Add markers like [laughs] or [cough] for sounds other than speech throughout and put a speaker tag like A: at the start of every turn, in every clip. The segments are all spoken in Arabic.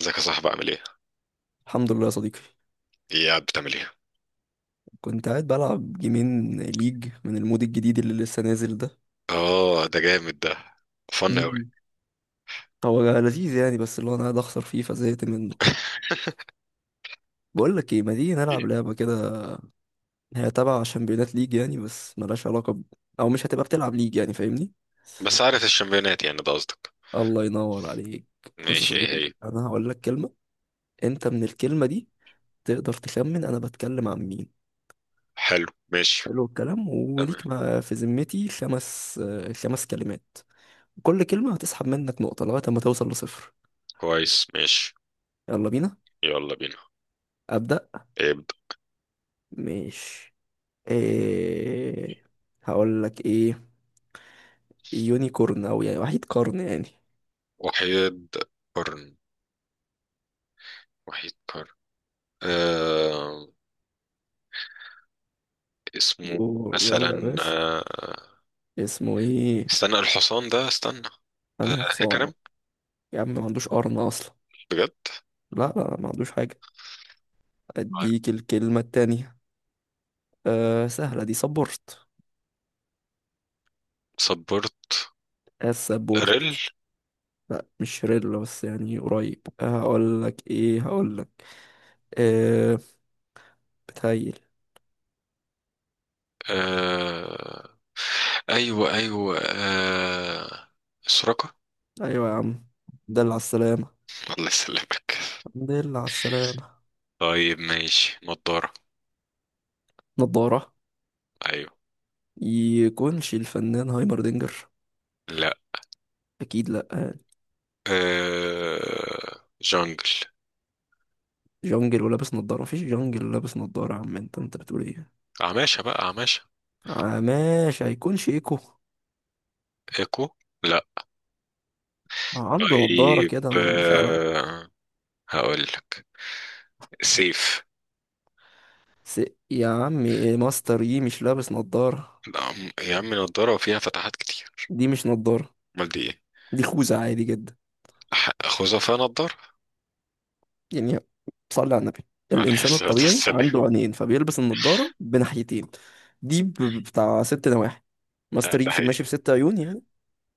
A: ازيك يا صاحبي عامل ايه؟
B: الحمد لله يا صديقي.
A: ايه قاعد بتعمل ايه؟
B: كنت قاعد بلعب جيمين ليج من المود الجديد اللي لسه نازل ده.
A: اه، ده جامد، ده فن اوي.
B: امم هو لذيذ يعني، بس اللي هو انا قاعد اخسر فيه فزهقت منه. بقول لك ايه، ما تيجي نلعب
A: [laughs]
B: لعبه كده؟ هي تبع شامبيونات ليج يعني، بس ملهاش علاقه او مش هتبقى بتلعب ليج يعني، فاهمني؟
A: بس عارف الشامبيونات يعني، ده قصدك.
B: الله ينور عليك. بص يا
A: ماشي، ايه
B: صديقي،
A: هي؟
B: انا هقول لك كلمه. انت من الكلمه دي تقدر تخمن انا بتكلم عن مين.
A: حلو. ماشي.
B: حلو الكلام،
A: تمام.
B: وليك ما في ذمتي خمس خمس كلمات. كل كلمة هتسحب منك نقطة لغاية ما توصل لصفر.
A: كويس، ماشي.
B: يلا بينا.
A: يلا بينا.
B: أبدأ.
A: ابدأ.
B: مش، إيه، هقول لك إيه. يونيكورن، أو يعني وحيد قرن يعني.
A: وحيد قرن، وحيد قرن. آه، اسمه. مثلا
B: ويلا يا باشا. اسمه إيه؟
A: استنى الحصان ده، استنى. آه،
B: أنهي حصان؟
A: هيكرم.
B: يا عم ما عندوش قرن أصلا.
A: بجد.
B: لا لا، ما عندوش حاجة.
A: طيب.
B: أديك الكلمة التانية. أه، سهلة دي، سبورت.
A: صبرت. ريل.
B: السبورت. لا مش شريلا، بس يعني قريب. هقول لك إيه، هقول لك أه بتهيل.
A: آه، ايوه ايوه آه. سراقة.
B: أيوة يا عم. دل على السلامة.
A: الله يسلمك.
B: دل على السلامة.
A: طيب، ماشي. نضارة.
B: نضارة.
A: أيوه.
B: يكونش الفنان هايمردينجر؟
A: لا.
B: أكيد لأ يعني.
A: جانجل.
B: جونجل ولابس نضارة؟ مفيش جونجل لابس نضارة يا عم، انت بتقول ايه؟
A: عماشة بقى عماشة.
B: آه ماشي، هيكونش ايكو؟
A: إيكو. لا.
B: عنده نضارة
A: طيب
B: كده مش على
A: هقول لك سيف.
B: س... يا عم إيه، ماستر يي مش لابس نضارة؟
A: لا، يا عم، نضارة وفيها فتحات كتير.
B: دي مش نضارة.
A: أمال دي إيه؟
B: دي خوذة عادي جدا
A: خزفة نضارة.
B: يعني. صلي على النبي.
A: عليه
B: الإنسان
A: الصلاة
B: الطبيعي
A: والسلام.
B: عنده عينين فبيلبس النضارة بناحيتين. دي بتاع ست نواحي.
A: آه،
B: ماستر يي
A: ده حقيقي.
B: ماشي بست عيون يعني.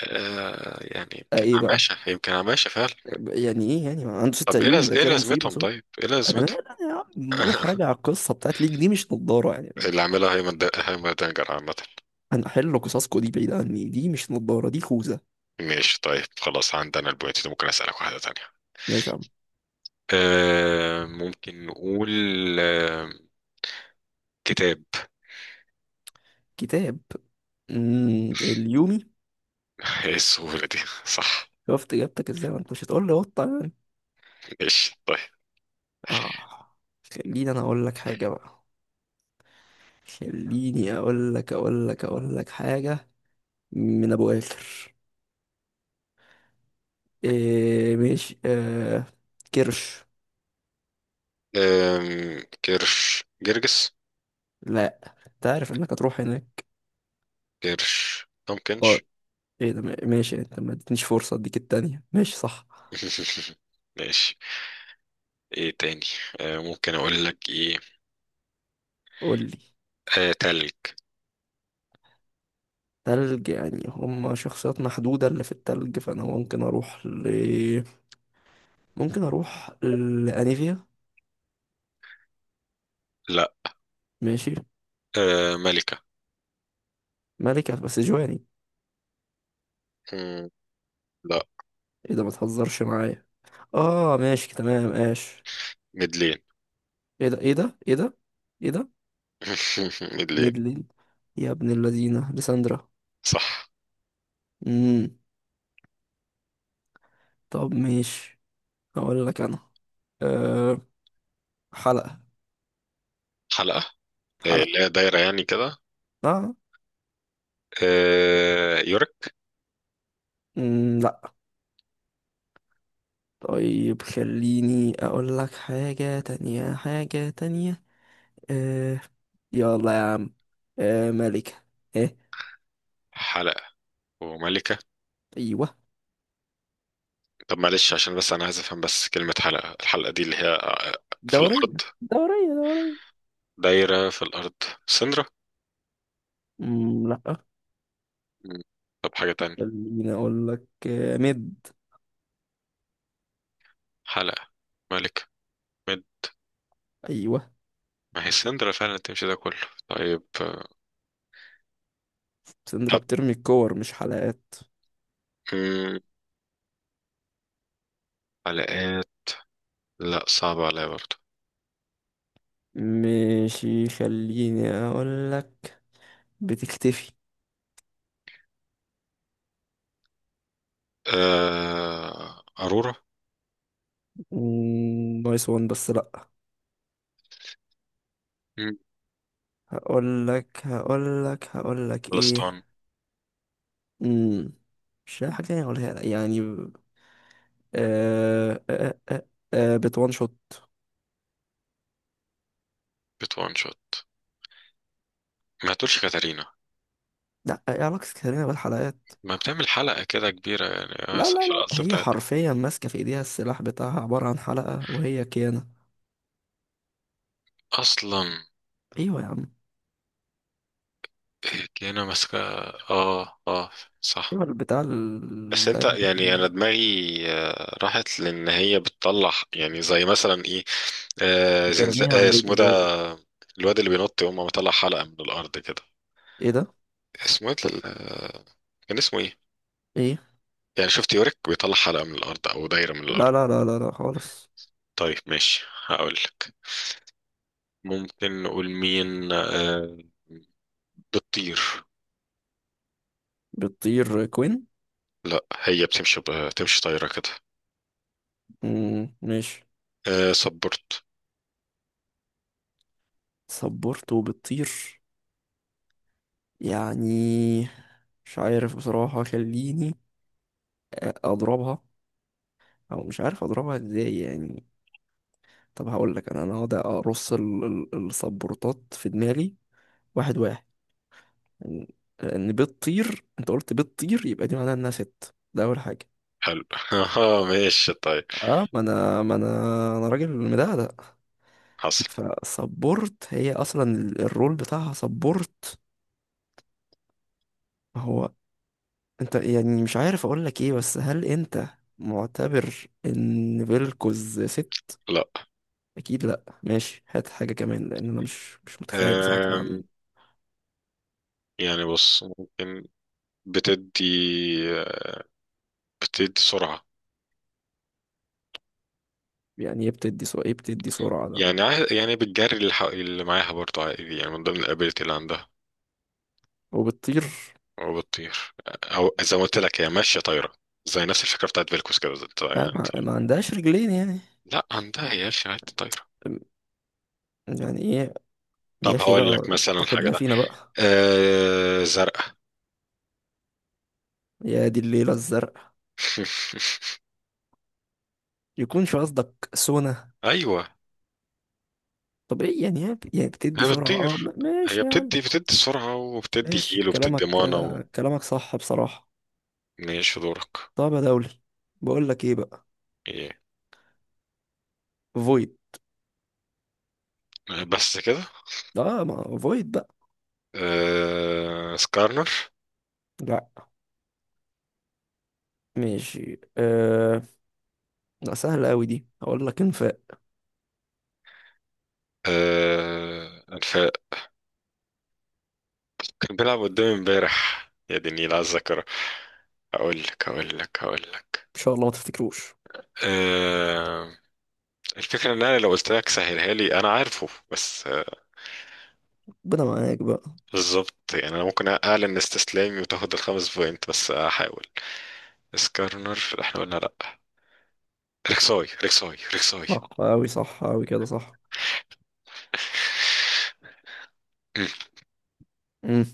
A: يعني يمكن
B: ايه بقى.
A: عماشة، يمكن عماشة فعلا.
B: يعني ايه، يعني ما عنده ست
A: طب
B: عيون، ده
A: إيه
B: كده مصيبه
A: لازمتهم
B: سود.
A: طيب؟ إيه
B: انا
A: لازمتهم؟
B: مال انا يا عم، روح راجع
A: [laughs]
B: القصه بتاعت ليك، دي مش نضاره يعني.
A: اللي عاملها هيمن دنجر عامة.
B: انا احل قصصكو دي بعيد عني، دي مش نضاره، دي خوذه.
A: ماشي، طيب، خلاص عندنا البوينت دي. ممكن أسألك واحدة تانية؟
B: ماشي يا عم.
A: ممكن نقول، آه كتاب.
B: كتاب. مم، اليومي.
A: [laughs] ايه السهولة دي؟ [laughs] صح.
B: شفت اجابتك ازاي، ما انت مش هتقول لي قطه يعني.
A: ماشي، طيب.
B: اه. خليني انا اقول لك حاجه بقى. خليني اقول لك حاجه. من ابو اخر. إيه ماشي. كرش.
A: كرش جرجس.
B: لا انت عارف انك هتروح هناك.
A: كرش
B: آه،
A: ممكنش.
B: ايه ده، ماشي، انت ما ادتنيش فرصة، اديك التانية، ماشي صح.
A: [laughs] ماشي. ايه تاني؟ ممكن اقول لك ايه؟
B: قول لي.
A: تلك.
B: تلج يعني، هما شخصيات محدودة اللي في التلج، فانا ممكن اروح ل... ممكن اروح لانيفيا.
A: لا.
B: ماشي.
A: ملكة.
B: ملكة بس جواني.
A: مم، لا.
B: ايه ده، ما تهزرش معايا. اه ماشي تمام، اش.
A: مدلين.
B: ايه ده، ايه ده، ايه ده. ايه ده.
A: مدلين.
B: ميدلين. يا ابن الذين، لساندرا.
A: [laughs] صح.
B: امم طب ماشي. هقول لك انا. أه. حلقة.
A: حلقة.
B: حلقة.
A: لا، دايرة يعني كده.
B: اه.
A: يورك.
B: مم، لا. طيب خليني اقول لك حاجة تانية حاجة تانية. آه. يلا يا عم. آه ملكة. ايه.
A: حلقة وملكة.
B: ايوه.
A: طب معلش، عشان بس أنا عايز أفهم، بس كلمة حلقة، الحلقة دي اللي هي في
B: دورية.
A: الأرض.
B: دورية دورية.
A: دايرة في الأرض. سندرة.
B: مم، لا.
A: مم. طب حاجة تانية.
B: خليني اقول لك، مد.
A: حلقة، ملكة، مد.
B: ايوه.
A: ما هي سندرة فعلا تمشي ده كله. طيب
B: سندرا
A: طب.
B: بترمي الكور مش حلقات.
A: مم. حلقات. لا، صعبة عليا برضه.
B: ماشي، خليني اقول لك. بتختفي.
A: أرورا.
B: مم، نايس وان بس لا.
A: مم.
B: هقول لك ايه.
A: فلسطين.
B: مم. مش لاقي حاجة تانية اقولها لك يعني. آه آه آه بتوان شوت.
A: بت وان شوت. ما تقولش كاتارينا.
B: لا، ايه علاقة كريمة بالحلقات.
A: ما بتعمل حلقة كده كبيرة يعني
B: لا لا
A: في
B: لا،
A: الأصل
B: هي
A: بتاعتها.
B: حرفيا ماسكة في ايديها، السلاح بتاعها عبارة عن حلقة وهي كيانة.
A: أصلا.
B: ايوه يا عم.
A: هتلاقينا ماسكة. اه، اه، صح.
B: ايوه البتاع
A: بس انت
B: ده.
A: يعني انا دماغي راحت، لان هي بتطلع يعني زي مثلا ايه. آه زنز...
B: بترميها
A: آه
B: عليك
A: اسمه
B: ازاي.
A: ده. الواد اللي بينط يقوم مطلع حلقة من الارض كده.
B: ايه ده.
A: اسمه ايه كان اسمه ايه؟
B: ايه.
A: يعني شفت يورك بيطلع حلقة من الارض او دايرة من الارض.
B: لا لا لا لا لا، خالص.
A: طيب، ماشي، هقول لك. ممكن نقول مين بتطير.
B: بتطير كوين.
A: لا، هي بتمشي. بتمشي طايرة كده.
B: مم، ماشي.
A: صبرت.
B: صبرته بتطير يعني. مش عارف بصراحة، خليني أضربها، أو مش عارف أضربها إزاي يعني. طب هقول لك، انا هقعد ارص السبورتات في دماغي. واحد واحد. ان. إن بتطير، انت قلت بتطير، يبقى دي معناها انها ست، ده اول حاجه.
A: حلو. [laughs] ماشي، طيب.
B: اه، ما انا انا راجل مدقدق.
A: حصل.
B: فسبورت، هي اصلا الرول بتاعها سبورت. ما هو انت يعني مش عارف اقول لك ايه، بس هل انت معتبر ان فيلكوز ست؟
A: لا.
B: اكيد لا. ماشي، هات حاجه كمان، لان انا مش متخيل بصراحه
A: آم،
B: تلعب مين.
A: يعني بص ممكن بتدي بتدي سرعة.
B: يعني ايه بتدي سرعه، ايه بتدي سرعه ده.
A: يعني يعني بتجري اللي معاها برضه عادي يعني من ضمن الابيلتي اللي عندها.
B: وبتطير.
A: وبتطير. او زي ما قلت لك، هي ماشية طايرة. زي نفس الفكرة بتاعت فيلكوس كده
B: لا
A: يعني.
B: ما عندهاش رجلين يعني.
A: لا، عندها يا اخي، عادي، طايرة.
B: يعني ايه؟ يا
A: طب
B: اخي
A: هقول لك
B: بقى.
A: مثلا
B: اتقد
A: حاجة
B: الله
A: ده.
B: فينا بقى.
A: زرقاء.
B: يا دي الليلة الزرق.
A: [laughs]
B: يكونش قصدك سونا؟
A: ايوه.
B: طبيعي يعني، هي يعني بتدي
A: هي
B: سرعة، اه
A: بتطير. هي
B: ماشي يا عم.
A: بتدي سرعة، وبتدي
B: ماشي
A: هيل، وبتدي مانا و...
B: كلامك صح بصراحة.
A: ماشي، دورك.
B: طب يا دولي. بقول لك ايه بقى.
A: ايه؟
B: فويد.
A: بس كده؟
B: اه، ما فويد بقى.
A: سكارنر.
B: لا. ماشي لا سهلة قوي دي، هقول لك انفاق.
A: آه، الف... كان بيلعب قدامي امبارح، يا دي النيل على الذاكرة. هقول لك.
B: ان شاء الله ما تفتكروش.
A: أه... الفكرة ان انا لو قلت لك سهلها لي، انا عارفه بس
B: ربنا معاك بقى.
A: بالظبط. يعني انا ممكن اعلن استسلامي وتاخد الخمس بوينت، بس هحاول. سكارنر احنا قلنا لا. ريكساي، ريكساي، ريكساي.
B: صح قوي صح قوي كده صح.
A: مم.
B: امم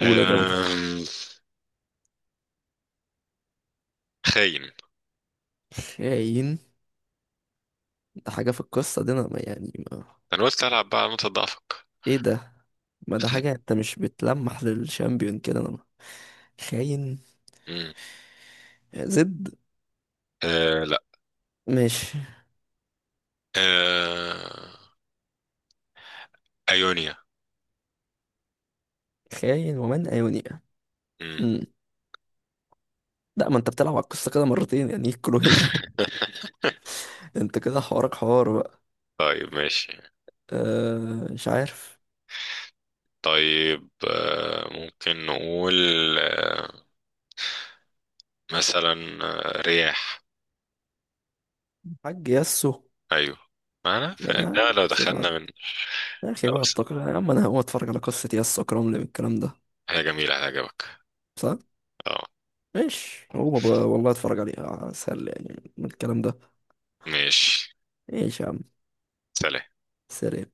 B: قول يا دولي.
A: آم، خاين.
B: شاين. ده حاجة في القصة دي، انا ما يعني ما.
A: انا قلت العب بقى على نقطة ضعفك.
B: ايه ده، ما ده حاجة، انت مش بتلمح للشامبيون كده انا. خاين.
A: مم.
B: زد.
A: لا.
B: ماشي.
A: آه ايونيا.
B: خاين ومن ايونيا.
A: مم.
B: امم لا، ما انت بتلعب على القصة كده مرتين يعني، يكلوا هنا.
A: [laughs]
B: [laughs] انت كده حوارك حوار بقى.
A: طيب، ماشي.
B: أه مش عارف.
A: طيب ممكن نقول آه، مثلا رياح.
B: حاج ياسو.
A: ايوه. معنا
B: يا
A: فده، لو
B: اخي بقى،
A: دخلنا من...
B: يا اخي
A: لو
B: بقى
A: س-
B: التقرير يا عم، انا هقوم اتفرج على قصة ياسو اكرم لي من الكلام ده.
A: حاجة جميلة هتعجبك.
B: صح؟
A: اه.
B: ماشي، هو بقى والله اتفرج عليها اسهل يعني من الكلام ده.
A: ماشي.
B: ايش يا عم.
A: سلام.
B: سريع.